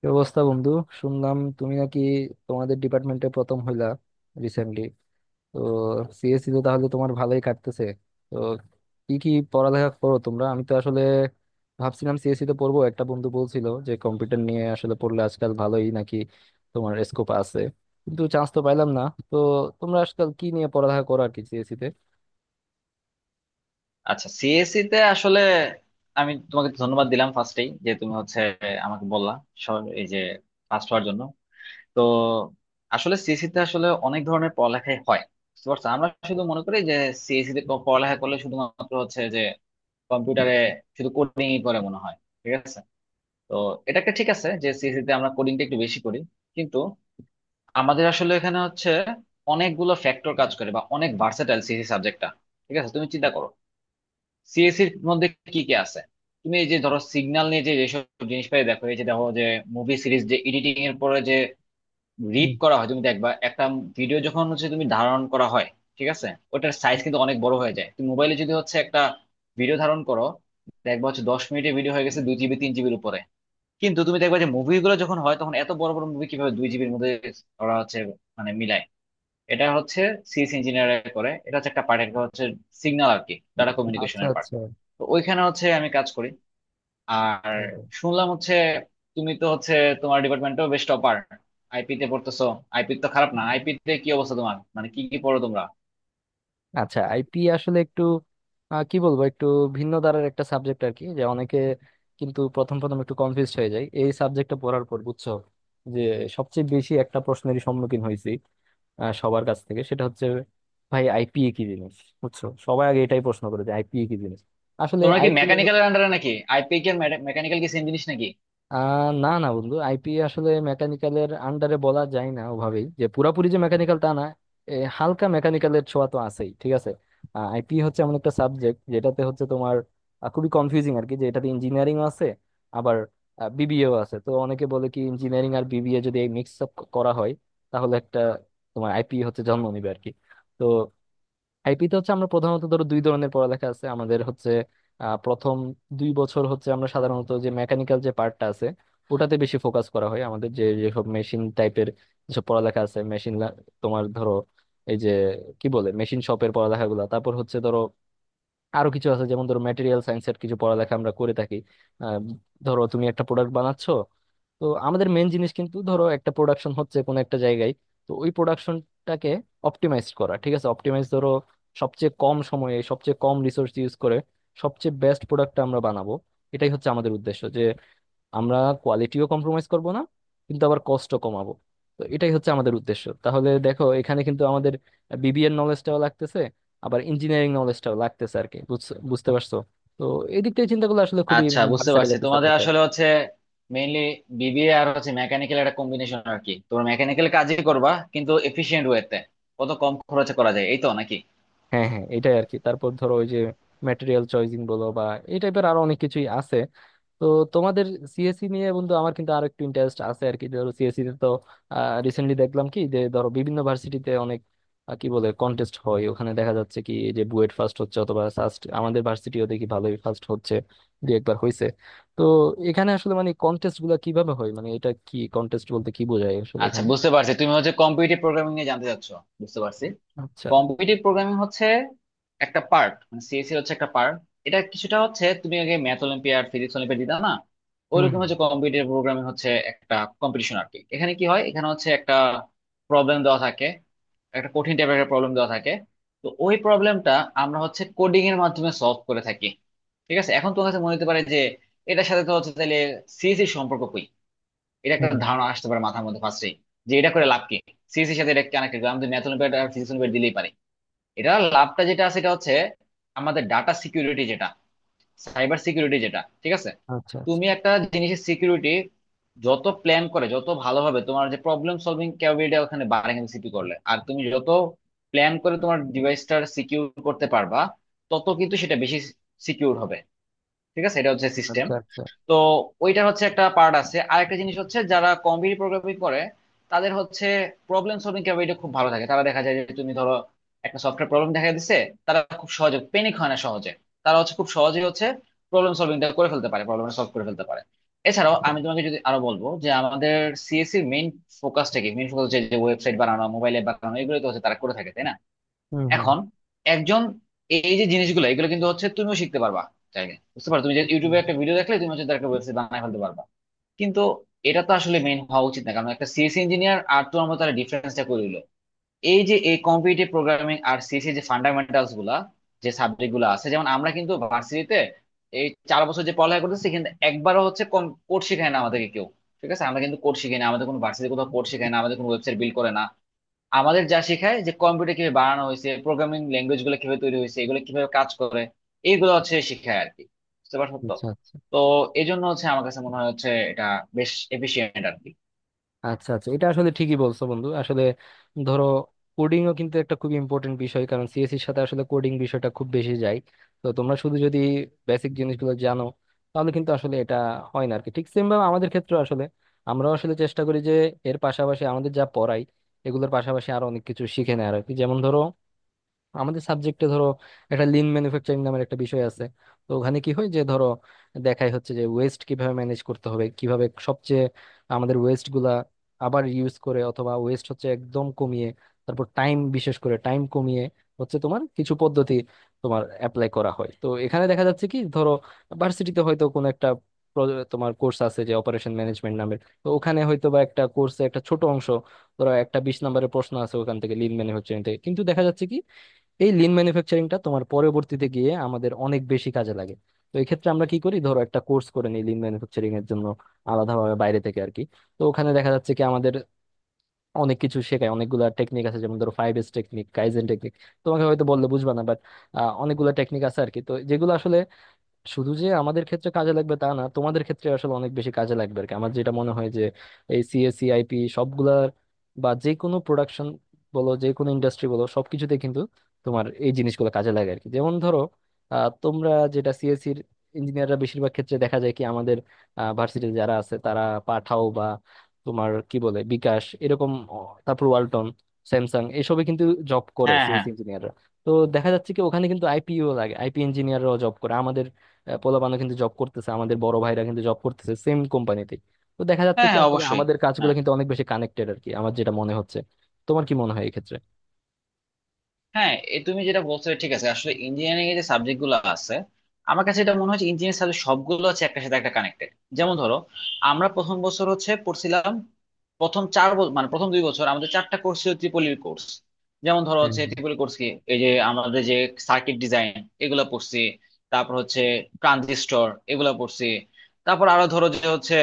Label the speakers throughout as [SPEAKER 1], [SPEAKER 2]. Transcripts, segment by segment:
[SPEAKER 1] কি অবস্থা, বন্ধু? শুনলাম তুমি নাকি তোমাদের ডিপার্টমেন্টে প্রথম হইলা রিসেন্টলি। তো সিএসসি তো তাহলে তোমার ভালোই কাটতেছে। তো কি কি পড়ালেখা করো তোমরা? আমি তো আসলে ভাবছিলাম সিএসসি তে পড়বো, একটা বন্ধু বলছিল যে কম্পিউটার নিয়ে আসলে পড়লে আজকাল ভালোই নাকি তোমার স্কোপ আছে, কিন্তু চান্স তো পাইলাম না। তো তোমরা আজকাল কি নিয়ে পড়ালেখা করো আর কি সিএসসি তে?
[SPEAKER 2] আচ্ছা, সিএসসি তে আসলে আমি তোমাকে ধন্যবাদ দিলাম ফার্স্টেই যে তুমি হচ্ছে আমাকে বললা এই যে ফার্স্ট হওয়ার জন্য। তো আসলে সিএসসি তে আসলে অনেক ধরনের পড়ালেখাই হয়, বুঝতে পারছো। আমরা শুধু মনে করি যে সিএসসি তে পড়ালেখা করলে শুধুমাত্র হচ্ছে যে কম্পিউটারে শুধু কোডিং ই করে মনে হয়, ঠিক আছে। তো এটা একটা ঠিক আছে যে সিএসসি তে আমরা কোডিংটা একটু বেশি করি, কিন্তু আমাদের আসলে এখানে হচ্ছে অনেকগুলো ফ্যাক্টর কাজ করে বা অনেক ভার্সেটাইল সিএসসি সাবজেক্টটা। ঠিক আছে, তুমি চিন্তা করো সিএসির মধ্যে কি কি আছে। তুমি এই যে ধরো সিগন্যাল নিয়ে যে যেসব জিনিসপাতি দেখো, এই যে দেখো যে মুভি সিরিজ যে এডিটিং এর পরে যে রিড
[SPEAKER 1] হুম,
[SPEAKER 2] করা হয়, তুমি দেখবা একটা ভিডিও যখন হচ্ছে তুমি ধারণ করা হয়, ঠিক আছে। ওটার সাইজ
[SPEAKER 1] হুম,
[SPEAKER 2] কিন্তু
[SPEAKER 1] হুম।
[SPEAKER 2] অনেক বড় হয়ে যায়। তুমি মোবাইলে যদি হচ্ছে একটা ভিডিও ধারণ করো, দেখবা হচ্ছে 10 মিনিটের ভিডিও হয়ে গেছে 2 জিবি 3 জিবির উপরে। কিন্তু তুমি দেখবা যে মুভিগুলো যখন হয় তখন এত বড় বড় মুভি কিভাবে 2 জিবির মধ্যে ওরা হচ্ছে মানে মিলায়। এটা হচ্ছে সিএস ইঞ্জিনিয়ার করে, এটা হচ্ছে একটা পার্ট। একটা হচ্ছে সিগন্যাল আর কি, ডাটা
[SPEAKER 1] আচ্ছা
[SPEAKER 2] কমিউনিকেশনের পার্ট।
[SPEAKER 1] আচ্ছা।
[SPEAKER 2] তো ওইখানে হচ্ছে আমি কাজ করি। আর শুনলাম হচ্ছে তুমি তো হচ্ছে তোমার ডিপার্টমেন্টও বেশ টপার, আইপি তে পড়তেছো। আইপি তো খারাপ না। আইপি তে কি অবস্থা তোমার, মানে কি কি পড়ো তোমরা?
[SPEAKER 1] আচ্ছা, আইপি আসলে একটু কি বলবো, একটু ভিন্ন ধারার একটা সাবজেক্ট আর কি, যে অনেকে কিন্তু প্রথম প্রথম একটু কনফিউজ হয়ে যায় এই সাবজেক্টটা পড়ার পর। বুঝছো, যে সবচেয়ে বেশি একটা প্রশ্নেরই সম্মুখীন হয়েছি সবার কাছ থেকে, সেটা হচ্ছে, ভাই আইপিএ কি জিনিস। বুঝছো, সবাই আগে এটাই প্রশ্ন করে যে আইপিএ কি জিনিস। আসলে
[SPEAKER 2] তোমরা কি
[SPEAKER 1] আইপিএ
[SPEAKER 2] মেকানিক্যালের আন্ডারে নাকি? আইপি কি মেকানিক্যাল কি সেম জিনিস নাকি?
[SPEAKER 1] না, না, বন্ধু, আইপি আসলে মেকানিক্যালের আন্ডারে বলা যায় না ওভাবেই, যে পুরাপুরি যে মেকানিক্যাল তা না। হালকা মেকানিক্যালের ছোঁয়া তো আছেই, ঠিক আছে। আইপি হচ্ছে এমন একটা সাবজেক্ট যেটাতে হচ্ছে তোমার খুবই কনফিউজিং আর কি, যে এটাতে ইঞ্জিনিয়ারিং আছে, আবার বিবিএও আছে। তো অনেকে বলে কি, ইঞ্জিনিয়ারিং আর বিবিএ যদি মিক্স আপ করা হয় তাহলে একটা তোমার আইপি হচ্ছে জন্ম নিবে আর কি। তো আইপিতে হচ্ছে আমরা প্রধানত ধরো দুই ধরনের পড়ালেখা আছে আমাদের। হচ্ছে প্রথম 2 বছর হচ্ছে আমরা সাধারণত যে মেকানিক্যাল যে পার্টটা আছে ওটাতে বেশি ফোকাস করা হয়। আমাদের যে যেসব মেশিন টাইপের যেসব পড়ালেখা আছে, মেশিন, তোমার ধরো এই যে কি বলে মেশিন শপের পড়ালেখাগুলো, তারপর হচ্ছে ধরো আরো কিছু আছে যেমন ধরো ম্যাটেরিয়াল সায়েন্সের কিছু পড়ালেখা আমরা করে থাকি। আহ, ধরো তুমি একটা প্রোডাক্ট বানাচ্ছ, তো আমাদের মেন জিনিস কিন্তু ধরো একটা প্রোডাকশন হচ্ছে কোনো একটা জায়গায়। তো ওই প্রোডাকশনটাকে অপটিমাইজ করা, ঠিক আছে। অপটিমাইজ ধরো সবচেয়ে কম সময়ে সবচেয়ে কম রিসোর্স ইউজ করে সবচেয়ে বেস্ট প্রোডাক্টটা আমরা বানাবো, এটাই হচ্ছে আমাদের উদ্দেশ্য, যে আমরা কোয়ালিটিও কম্প্রোমাইজ করব না, কিন্তু আবার কস্টও কমাবো। তো এটাই হচ্ছে আমাদের উদ্দেশ্য। তাহলে দেখো এখানে কিন্তু আমাদের বিবিএর নলেজটাও লাগতেছে, আবার ইঞ্জিনিয়ারিং নলেজটাও লাগতেছে আর কি। বুঝতে পারছো? তো এই দিক থেকে চিন্তা করলে আসলে খুবই
[SPEAKER 2] আচ্ছা, বুঝতে
[SPEAKER 1] ভার্সেটাইল
[SPEAKER 2] পারছি
[SPEAKER 1] একটা
[SPEAKER 2] তোমাদের
[SPEAKER 1] সাবজেক্ট।
[SPEAKER 2] আসলে হচ্ছে মেইনলি বিবিএ আর হচ্ছে মেকানিক্যাল একটা কম্বিনেশন আর কি। তোমরা মেকানিক্যাল কাজই করবা কিন্তু এফিশিয়েন্ট ওয়েতে, কত কম খরচে করা যায়, এই তো নাকি?
[SPEAKER 1] হ্যাঁ, হ্যাঁ, এটাই আর কি। তারপর ধরো ওই যে ম্যাটেরিয়াল চয়েজিং বলো বা এই টাইপের আরো অনেক কিছুই আছে। তো তোমাদের সিএসসি নিয়ে, বন্ধু, আমার কিন্তু আরো একটু ইন্টারেস্ট আছে আর কি। ধরো সিএসসি তে তো রিসেন্টলি দেখলাম, কি যে ধরো বিভিন্ন ভার্সিটিতে অনেক কি বলে, কন্টেস্ট হয়, ওখানে দেখা যাচ্ছে কি যে বুয়েট ফার্স্ট হচ্ছে অথবা ফার্স্ট, আমাদের ভার্সিটিও দেখি ভালোই ফার্স্ট হচ্ছে দু একবার হয়েছে। তো এখানে আসলে মানে কন্টেস্ট গুলা কিভাবে হয়, মানে এটা কি, কন্টেস্ট বলতে কি বোঝায় আসলে
[SPEAKER 2] আচ্ছা,
[SPEAKER 1] এখানে?
[SPEAKER 2] বুঝতে পারছি তুমি হচ্ছে কম্পিটিটিভ প্রোগ্রামিং নিয়ে জানতে চাচ্ছো, বুঝতে পারছি।
[SPEAKER 1] আচ্ছা।
[SPEAKER 2] কম্পিটিটিভ প্রোগ্রামিং হচ্ছে একটা পার্ট, মানে সিএসসি হচ্ছে একটা পার্ট। এটা কিছুটা হচ্ছে তুমি আগে ম্যাথ অলিম্পিয়াড ফিজিক্স অলিম্পিয়াড দিতা না,
[SPEAKER 1] হুম,
[SPEAKER 2] ওইরকম
[SPEAKER 1] হুম।
[SPEAKER 2] হচ্ছে। কম্পিটিটিভ প্রোগ্রামিং হচ্ছে একটা কম্পিটিশন আর কি। এখানে কি হয়, এখানে হচ্ছে একটা প্রবলেম দেওয়া থাকে, একটা কঠিন টাইপের একটা প্রবলেম দেওয়া থাকে। তো ওই প্রবলেমটা আমরা হচ্ছে কোডিং এর মাধ্যমে সলভ করে থাকি, ঠিক আছে। এখন তোমার কাছে মনে হতে পারে যে এটার সাথে তো হচ্ছে তাহলে সিএসসির সম্পর্ক কই, এটা একটা
[SPEAKER 1] হুম, হুম।
[SPEAKER 2] ধারণা আসতে পারে মাথার মধ্যে ফার্স্টেই, যে এটা করে লাভ কি। সিএসসির সাথে এটা কানেক্টেড। আমি তো ম্যাথ অলিম্পিয়াড আর ফিজিক্স অলিম্পিয়াড দিলেই পারি, এটা লাভটা যেটা আছে সেটা হচ্ছে আমাদের ডাটা সিকিউরিটি যেটা, সাইবার সিকিউরিটি যেটা, ঠিক আছে।
[SPEAKER 1] আচ্ছা, আচ্ছা।
[SPEAKER 2] তুমি একটা জিনিসের সিকিউরিটি যত প্ল্যান করে, যত ভালোভাবে তোমার যে প্রবলেম সলভিং ক্যাপাবিলিটি ওখানে বাড়ে কিন্তু সিপি করলে, আর তুমি যত প্ল্যান করে তোমার ডিভাইসটার সিকিউর করতে পারবা তত কিন্তু সেটা বেশি সিকিউর হবে। ঠিক আছে, এটা হচ্ছে সিস্টেম।
[SPEAKER 1] আচ্ছা, আচ্ছা।
[SPEAKER 2] তো ওইটার হচ্ছে একটা পার্ট আছে। আরেকটা জিনিস হচ্ছে যারা কম্পিটিটিভ প্রোগ্রামিং করে তাদের হচ্ছে প্রবলেম সলভিং ক্যাপাবিলিটি খুব ভালো থাকে। তারা দেখা যায় যে তুমি ধরো একটা সফটওয়্যার প্রবলেম দেখা দিচ্ছে, তারা খুব সহজে প্যানিক হয় না। সহজে তারা হচ্ছে খুব সহজেই হচ্ছে প্রবলেম সলভিংটা করে ফেলতে পারে, প্রবলেমটা সলভ করে ফেলতে পারে। এছাড়াও আমি তোমাকে যদি আরো বলবো যে আমাদের সিএসসি মেইন ফোকাসটা কি, মেইন ফোকাস যে ওয়েবসাইট বানানো, মোবাইল অ্যাপ বানানো, এগুলো তো হচ্ছে তারা করে থাকে তাই না।
[SPEAKER 1] হুম, হুম।
[SPEAKER 2] এখন একজন এই যে জিনিসগুলো এগুলো কিন্তু হচ্ছে তুমিও শিখতে পারবা চাইলে, বুঝতে পারো। তুমি যে ইউটিউবে একটা ভিডিও দেখলে তুমি হচ্ছে তার একটা ওয়েবসাইট বানায় ফেলতে পারবা, কিন্তু এটা তো আসলে মেইন হওয়া উচিত না, কারণ একটা সিএস ইঞ্জিনিয়ার আর তোমার মতো ডিফারেন্সটা করে দিলো এই যে এই কম্পিটিটিভ প্রোগ্রামিং আর সিএসি যে ফান্ডামেন্টালস গুলা, যে সাবজেক্ট গুলো আছে। যেমন আমরা কিন্তু ভার্সিটিতে এই 4 বছর যে পড়ালেখা করতেছি, কিন্তু একবারও হচ্ছে কোড শেখায় না আমাদেরকে কেউ। ঠিক আছে, আমরা কিন্তু কোড শিখাই না, আমাদের কোনো ভার্সিটি কোথাও কোড শেখায় না, আমাদের কোনো ওয়েবসাইট বিল্ড করে না। আমাদের যা শেখায় যে কম্পিউটার কিভাবে বানানো হয়েছে, প্রোগ্রামিং ল্যাঙ্গুয়েজ গুলো কিভাবে তৈরি হয়েছে, এগুলো কিভাবে কাজ করে, এইগুলো হচ্ছে শেখায় আর কি। বুঝতে পারছো তো।
[SPEAKER 1] আচ্ছা, আচ্ছা।
[SPEAKER 2] তো এই জন্য হচ্ছে আমার কাছে মনে হয় হচ্ছে এটা বেশ এফিশিয়েন্ট আর কি।
[SPEAKER 1] আচ্ছা, আচ্ছা, এটা আসলে ঠিকই বলছো, বন্ধু। আসলে ধরো কোডিংও কিন্তু একটা খুব ইম্পর্টেন্ট বিষয়, কারণ সিএসসির সাথে আসলে কোডিং বিষয়টা খুব বেশি যায়। তো তোমরা শুধু যদি বেসিক জিনিসগুলো জানো তাহলে কিন্তু আসলে এটা হয় না আর কি। ঠিক সেম ভাবে আমাদের ক্ষেত্রে আসলে আমরা আসলে চেষ্টা করি যে এর পাশাপাশি আমাদের যা পড়াই এগুলোর পাশাপাশি আরো অনেক কিছু শিখে নেয় আর কি। যেমন ধরো আমাদের সাবজেক্টে ধরো একটা লিন ম্যানুফ্যাকচারিং নামের একটা বিষয় আছে। তো ওখানে কি হয় যে ধরো দেখাই হচ্ছে যে ওয়েস্ট কিভাবে ম্যানেজ করতে হবে, কিভাবে সবচেয়ে আমাদের ওয়েস্ট গুলা আবার ইউজ করে, অথবা ওয়েস্ট হচ্ছে একদম কমিয়ে, তারপর টাইম, বিশেষ করে টাইম কমিয়ে হচ্ছে, তোমার কিছু পদ্ধতি তোমার অ্যাপ্লাই করা হয়। তো এখানে দেখা যাচ্ছে কি, ধরো ভার্সিটিতে হয়তো কোনো একটা তোমার কোর্স আছে যে অপারেশন ম্যানেজমেন্ট নামের, তো ওখানে হয়তো বা একটা কোর্সে একটা ছোট অংশ, ধরো একটা 20 নম্বরের প্রশ্ন আছে, ওখান থেকে লিন ম্যানুফ্যাকচারিং থেকে। এই লিন ম্যানুফ্যাকচারিংটা তোমার পরবর্তীতে গিয়ে আমাদের অনেক বেশি কাজে লাগে। তো এই ক্ষেত্রে আমরা কি করি, ধরো একটা কোর্স করে নিই লিন ম্যানুফ্যাকচারিং এর জন্য আলাদাভাবে বাইরে থেকে আর কি। তো ওখানে দেখা যাচ্ছে কি আমাদের অনেক কিছু শেখায়, অনেকগুলা টেকনিক আছে, যেমন ধরো 5S টেকনিক, কাইজেন টেকনিক, তোমাকে হয়তো বললে বুঝবা না, বাট অনেকগুলা টেকনিক আছে আর কি। তো যেগুলো আসলে শুধু যে আমাদের ক্ষেত্রে কাজে লাগবে তা না, তোমাদের ক্ষেত্রে আসলে অনেক বেশি কাজে লাগবে আর কি। আমার যেটা মনে হয় যে এই সিএসি, আইপি সবগুলার, বা যে কোনো প্রোডাকশন বলো, যে কোনো ইন্ডাস্ট্রি বলো, সবকিছুতে কিন্তু তোমার এই জিনিসগুলো কাজে লাগে আর কি। যেমন ধরো তোমরা যেটা সিএসসির ইঞ্জিনিয়াররা বেশিরভাগ ক্ষেত্রে দেখা যায় কি, আমাদের ভার্সিটিতে যারা আছে, তারা পাঠাও বা তোমার কি বলে বিকাশ, এরকম তারপর ওয়ালটন, স্যামসাং, এসবে কিন্তু জব করে
[SPEAKER 2] হ্যাঁ, হ্যাঁ,
[SPEAKER 1] সিএসসি ইঞ্জিনিয়াররা। তো দেখা যাচ্ছে কি ওখানে কিন্তু আইপিও লাগে, আইপি ইঞ্জিনিয়াররাও জব করে, পোলাপানও কিন্তু জব করতেছে, আমাদের বড় ভাইরা কিন্তু জব করতেছে সেম কোম্পানিতে। তো দেখা যাচ্ছে
[SPEAKER 2] হ্যাঁ,
[SPEAKER 1] কি
[SPEAKER 2] হ্যাঁ,
[SPEAKER 1] আসলে
[SPEAKER 2] অবশ্যই।
[SPEAKER 1] আমাদের কাজগুলো
[SPEAKER 2] হ্যাঁ,
[SPEAKER 1] কিন্তু অনেক বেশি কানেক্টেড আর কি, আমার যেটা মনে হচ্ছে। তোমার কি মনে হয় এক্ষেত্রে?
[SPEAKER 2] হ্যাঁ, এ তুমি যেটা বলছো ঠিক আছে। আসলে ইঞ্জিনিয়ারিং এর যে সাবজেক্ট গুলো আছে, আমার কাছে এটা মনে হচ্ছে ইঞ্জিনিয়ারিং সাবজেক্ট সবগুলো হচ্ছে একটা সাথে একটা কানেক্টেড। যেমন ধরো, আমরা প্রথম বছর হচ্ছে পড়ছিলাম, প্রথম চার বছর মানে প্রথম 2 বছর আমাদের 4টা কোর্স ছিল ট্রিপলির কোর্স। যেমন ধরো
[SPEAKER 1] হ্যাঁ,
[SPEAKER 2] হচ্ছে
[SPEAKER 1] হ্যাঁ।
[SPEAKER 2] ট্রিপলি কোর্স কি, এই যে আমাদের যে সার্কিট ডিজাইন এগুলো পড়ছি, তারপর হচ্ছে ট্রানজিস্টর এগুলো পড়ছি, তারপর আরো ধরো যে হচ্ছে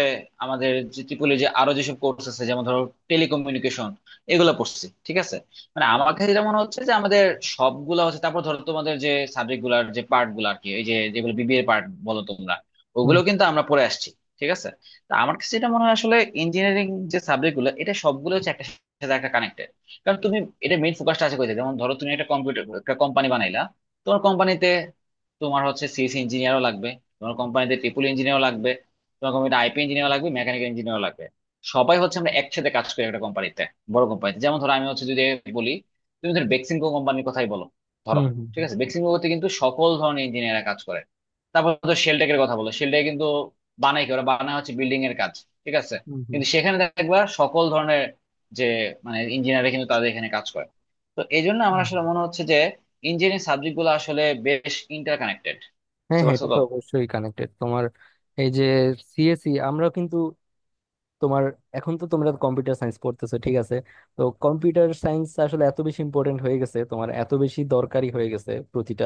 [SPEAKER 2] আমাদের যে ট্রিপলি যে আরো যেসব কোর্স আছে যেমন ধরো টেলিকমিউনিকেশন, এগুলো পড়ছি, ঠিক আছে। মানে আমার কাছে যেটা মনে হচ্ছে যে আমাদের সবগুলা হচ্ছে, তারপর ধরো তোমাদের যে সাবজেক্ট গুলার যে পার্ট গুলো আর কি, এই যে যেগুলো বিবিএ পার্ট বলো তোমরা,
[SPEAKER 1] হুম,
[SPEAKER 2] ওগুলো কিন্তু আমরা পড়ে আসছি, ঠিক আছে। তা আমার কাছে যেটা মনে হয় আসলে ইঞ্জিনিয়ারিং যে সাবজেক্ট গুলো এটা সবগুলো হচ্ছে একটা সাথে একটা কানেক্টেড। কারণ তুমি এটা মেইন ফোকাসটা আছে কোথায়, যেমন ধরো তুমি একটা কম্পিউটার একটা কোম্পানি বানাইলা, তোমার কোম্পানিতে তোমার হচ্ছে সিএস ইঞ্জিনিয়ারও লাগবে, তোমার কোম্পানিতে ট্রিপল ইঞ্জিনিয়ারও লাগবে, তোমার কোম্পানিতে আইপি ইঞ্জিনিয়ার লাগবে, মেকানিক্যাল ইঞ্জিনিয়ার লাগবে। সবাই হচ্ছে আমরা একসাথে কাজ করি একটা কোম্পানিতে, বড় কোম্পানিতে। যেমন ধরো আমি হচ্ছে যদি বলি, তুমি ধরো বেক্সিমকো কোম্পানির কথাই বলো, ধরো,
[SPEAKER 1] হুম। হুম,
[SPEAKER 2] ঠিক
[SPEAKER 1] হুম,
[SPEAKER 2] আছে, বেক্সিমকোতে কিন্তু সকল ধরনের ইঞ্জিনিয়াররা কাজ করে। তারপর ধরো শেলটেকের কথা বলো, শেলটেক কিন্তু বানায় কি, ওরা বানায় হচ্ছে বিল্ডিং এর কাজ, ঠিক আছে।
[SPEAKER 1] হুম, হুম।
[SPEAKER 2] কিন্তু সেখানে দেখবা সকল ধরনের যে মানে ইঞ্জিনিয়াররা কিন্তু তাদের এখানে কাজ করে। তো এই জন্য আমার
[SPEAKER 1] হুম।
[SPEAKER 2] আসলে মনে হচ্ছে যে ইঞ্জিনিয়ারিং সাবজেক্ট গুলো আসলে বেশ ইন্টার কানেক্টেড।
[SPEAKER 1] হ্যাঁ,
[SPEAKER 2] বুঝতে
[SPEAKER 1] হ্যাঁ,
[SPEAKER 2] পারছো
[SPEAKER 1] এটা
[SPEAKER 2] তো।
[SPEAKER 1] তো অবশ্যই কানেক্টেড। তোমার এই যে সিএসি, আমরা কিন্তু তোমার এখন তো তোমরা কম্পিউটার সায়েন্স পড়তেছো, ঠিক আছে। তো কম্পিউটার সায়েন্স আসলে এত বেশি ইম্পর্টেন্ট হয়ে গেছে, তোমার এত বেশি দরকারি হয়ে গেছে প্রতিটা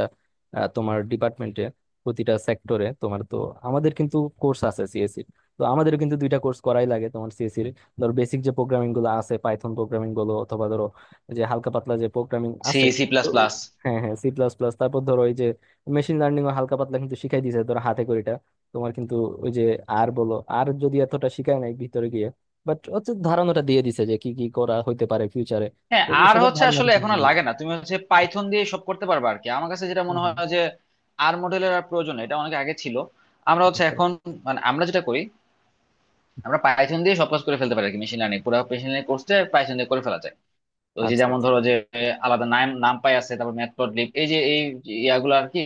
[SPEAKER 1] তোমার ডিপার্টমেন্টে, প্রতিটা সেক্টরে। তোমার তো আমাদের কিন্তু কোর্স আছে সিএসসি, তো আমাদের কিন্তু দুইটা কোর্স করাই লাগে তোমার সিএসসি এর। ধর বেসিক যে প্রোগ্রামিং গুলো আছে পাইথন প্রোগ্রামিং গুলো, অথবা ধরো যে হালকা পাতলা যে প্রোগ্রামিং
[SPEAKER 2] সি
[SPEAKER 1] আছে।
[SPEAKER 2] সি প্লাস
[SPEAKER 1] তো
[SPEAKER 2] প্লাস।
[SPEAKER 1] হ্যাঁ, হ্যাঁ, C++, তারপর ধরো ওই যে মেশিন লার্নিং ও হালকা পাতলা কিন্তু শিখাই দিয়েছে ধরো হাতে করে। তোমার কিন্তু ওই যে, আর বলো আর যদি এতটা শিখায় নাই ভিতরে গিয়ে, বাট হচ্ছে ধারণাটা দিয়ে দিছে যে কি কি করা হইতে পারে ফিউচারে।
[SPEAKER 2] হ্যাঁ,
[SPEAKER 1] তো
[SPEAKER 2] আর
[SPEAKER 1] ওসবের
[SPEAKER 2] হচ্ছে
[SPEAKER 1] ধারণাটা
[SPEAKER 2] আসলে
[SPEAKER 1] তুলে
[SPEAKER 2] এখন আর
[SPEAKER 1] নিয়ে
[SPEAKER 2] লাগে না,
[SPEAKER 1] গেছে।
[SPEAKER 2] তুমি হচ্ছে পাইথন দিয়ে সব করতে পারবে আর কি। আমার কাছে যেটা
[SPEAKER 1] হুম,
[SPEAKER 2] মনে
[SPEAKER 1] হুম।
[SPEAKER 2] হয় যে আর মডেলের আর প্রয়োজন নেই, এটা অনেক আগে ছিল। আমরা হচ্ছে
[SPEAKER 1] আচ্ছা,
[SPEAKER 2] এখন মানে আমরা যেটা করি, আমরা পাইথন দিয়ে সব কাজ করে ফেলতে পারি আর কি। মেশিন লার্নিং, পুরো মেশিন লার্নিং কোর্সটা পাইথন দিয়ে করে ফেলা যায়। ওই যে
[SPEAKER 1] আচ্ছা,
[SPEAKER 2] যেমন
[SPEAKER 1] আচ্ছা।
[SPEAKER 2] ধরো যে আলাদা নাম নামপাই আছে, তারপর ম্যাটপ্লটলিব, এই যে এই ইয়াগুলো আর কি,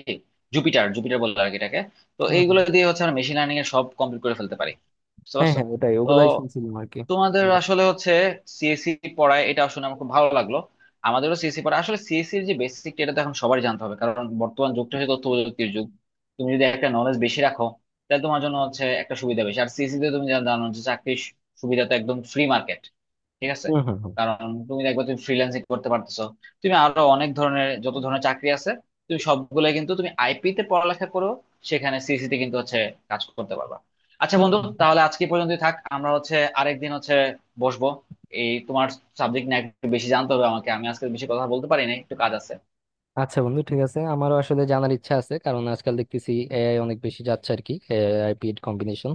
[SPEAKER 2] জুপিটার জুপিটার বলে আর কি এটাকে। তো
[SPEAKER 1] হুম,
[SPEAKER 2] এইগুলো
[SPEAKER 1] হুম।
[SPEAKER 2] দিয়ে হচ্ছে আমরা মেশিন লার্নিং এর সব কমপ্লিট করে ফেলতে পারি। বুঝতে
[SPEAKER 1] হ্যাঁ,
[SPEAKER 2] পারছো
[SPEAKER 1] হ্যাঁ, ওটাই,
[SPEAKER 2] তো।
[SPEAKER 1] ওগুলাই শুনছিলাম আর কি।
[SPEAKER 2] তোমাদের
[SPEAKER 1] হুম,
[SPEAKER 2] আসলে হচ্ছে সিএসসি পড়ায়, এটা আসলে আমার খুব ভালো লাগলো। আমাদেরও সিএসসি পড়ায় আসলে। সিএসসির যে বেসিক এটা তো এখন সবার জানতে হবে, কারণ বর্তমান যুগটা হচ্ছে তথ্য প্রযুক্তির যুগ। তুমি যদি একটা নলেজ বেশি রাখো তাহলে তোমার জন্য হচ্ছে একটা সুবিধা বেশি। আর সিএসসি তে তুমি যা জানো, যে চাকরির সুবিধা তো একদম ফ্রি মার্কেট, ঠিক আছে।
[SPEAKER 1] হুম। হুম,
[SPEAKER 2] কারণ তুমি একবার তুমি ফ্রিল্যান্সিং করতে পারতেছো, তুমি আরো অনেক ধরনের, যত ধরনের চাকরি আছে তুমি সবগুলো, কিন্তু তুমি আইপি তে পড়ালেখা করো সেখানে সিএসসি তে কিন্তু হচ্ছে কাজ করতে পারবা। আচ্ছা
[SPEAKER 1] হুম,
[SPEAKER 2] বন্ধু,
[SPEAKER 1] হুম। হুম।
[SPEAKER 2] তাহলে আজকে পর্যন্তই থাক। আমরা হচ্ছে আরেকদিন হচ্ছে বসবো, এই তোমার সাবজেক্ট নিয়ে একটু বেশি জানতে হবে আমাকে। আমি আজকে বেশি কথা বলতে পারি না, একটু কাজ আছে।
[SPEAKER 1] আচ্ছা, বন্ধু, ঠিক আছে, আমারও আসলে জানার ইচ্ছা আছে, কারণ আজকাল দেখতেছি এআই অনেক বেশি যাচ্ছে আর কি, এআই পিড কম্বিনেশন।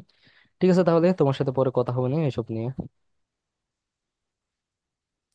[SPEAKER 1] ঠিক আছে, তাহলে তোমার সাথে পরে কথা হবে না এসব নিয়ে।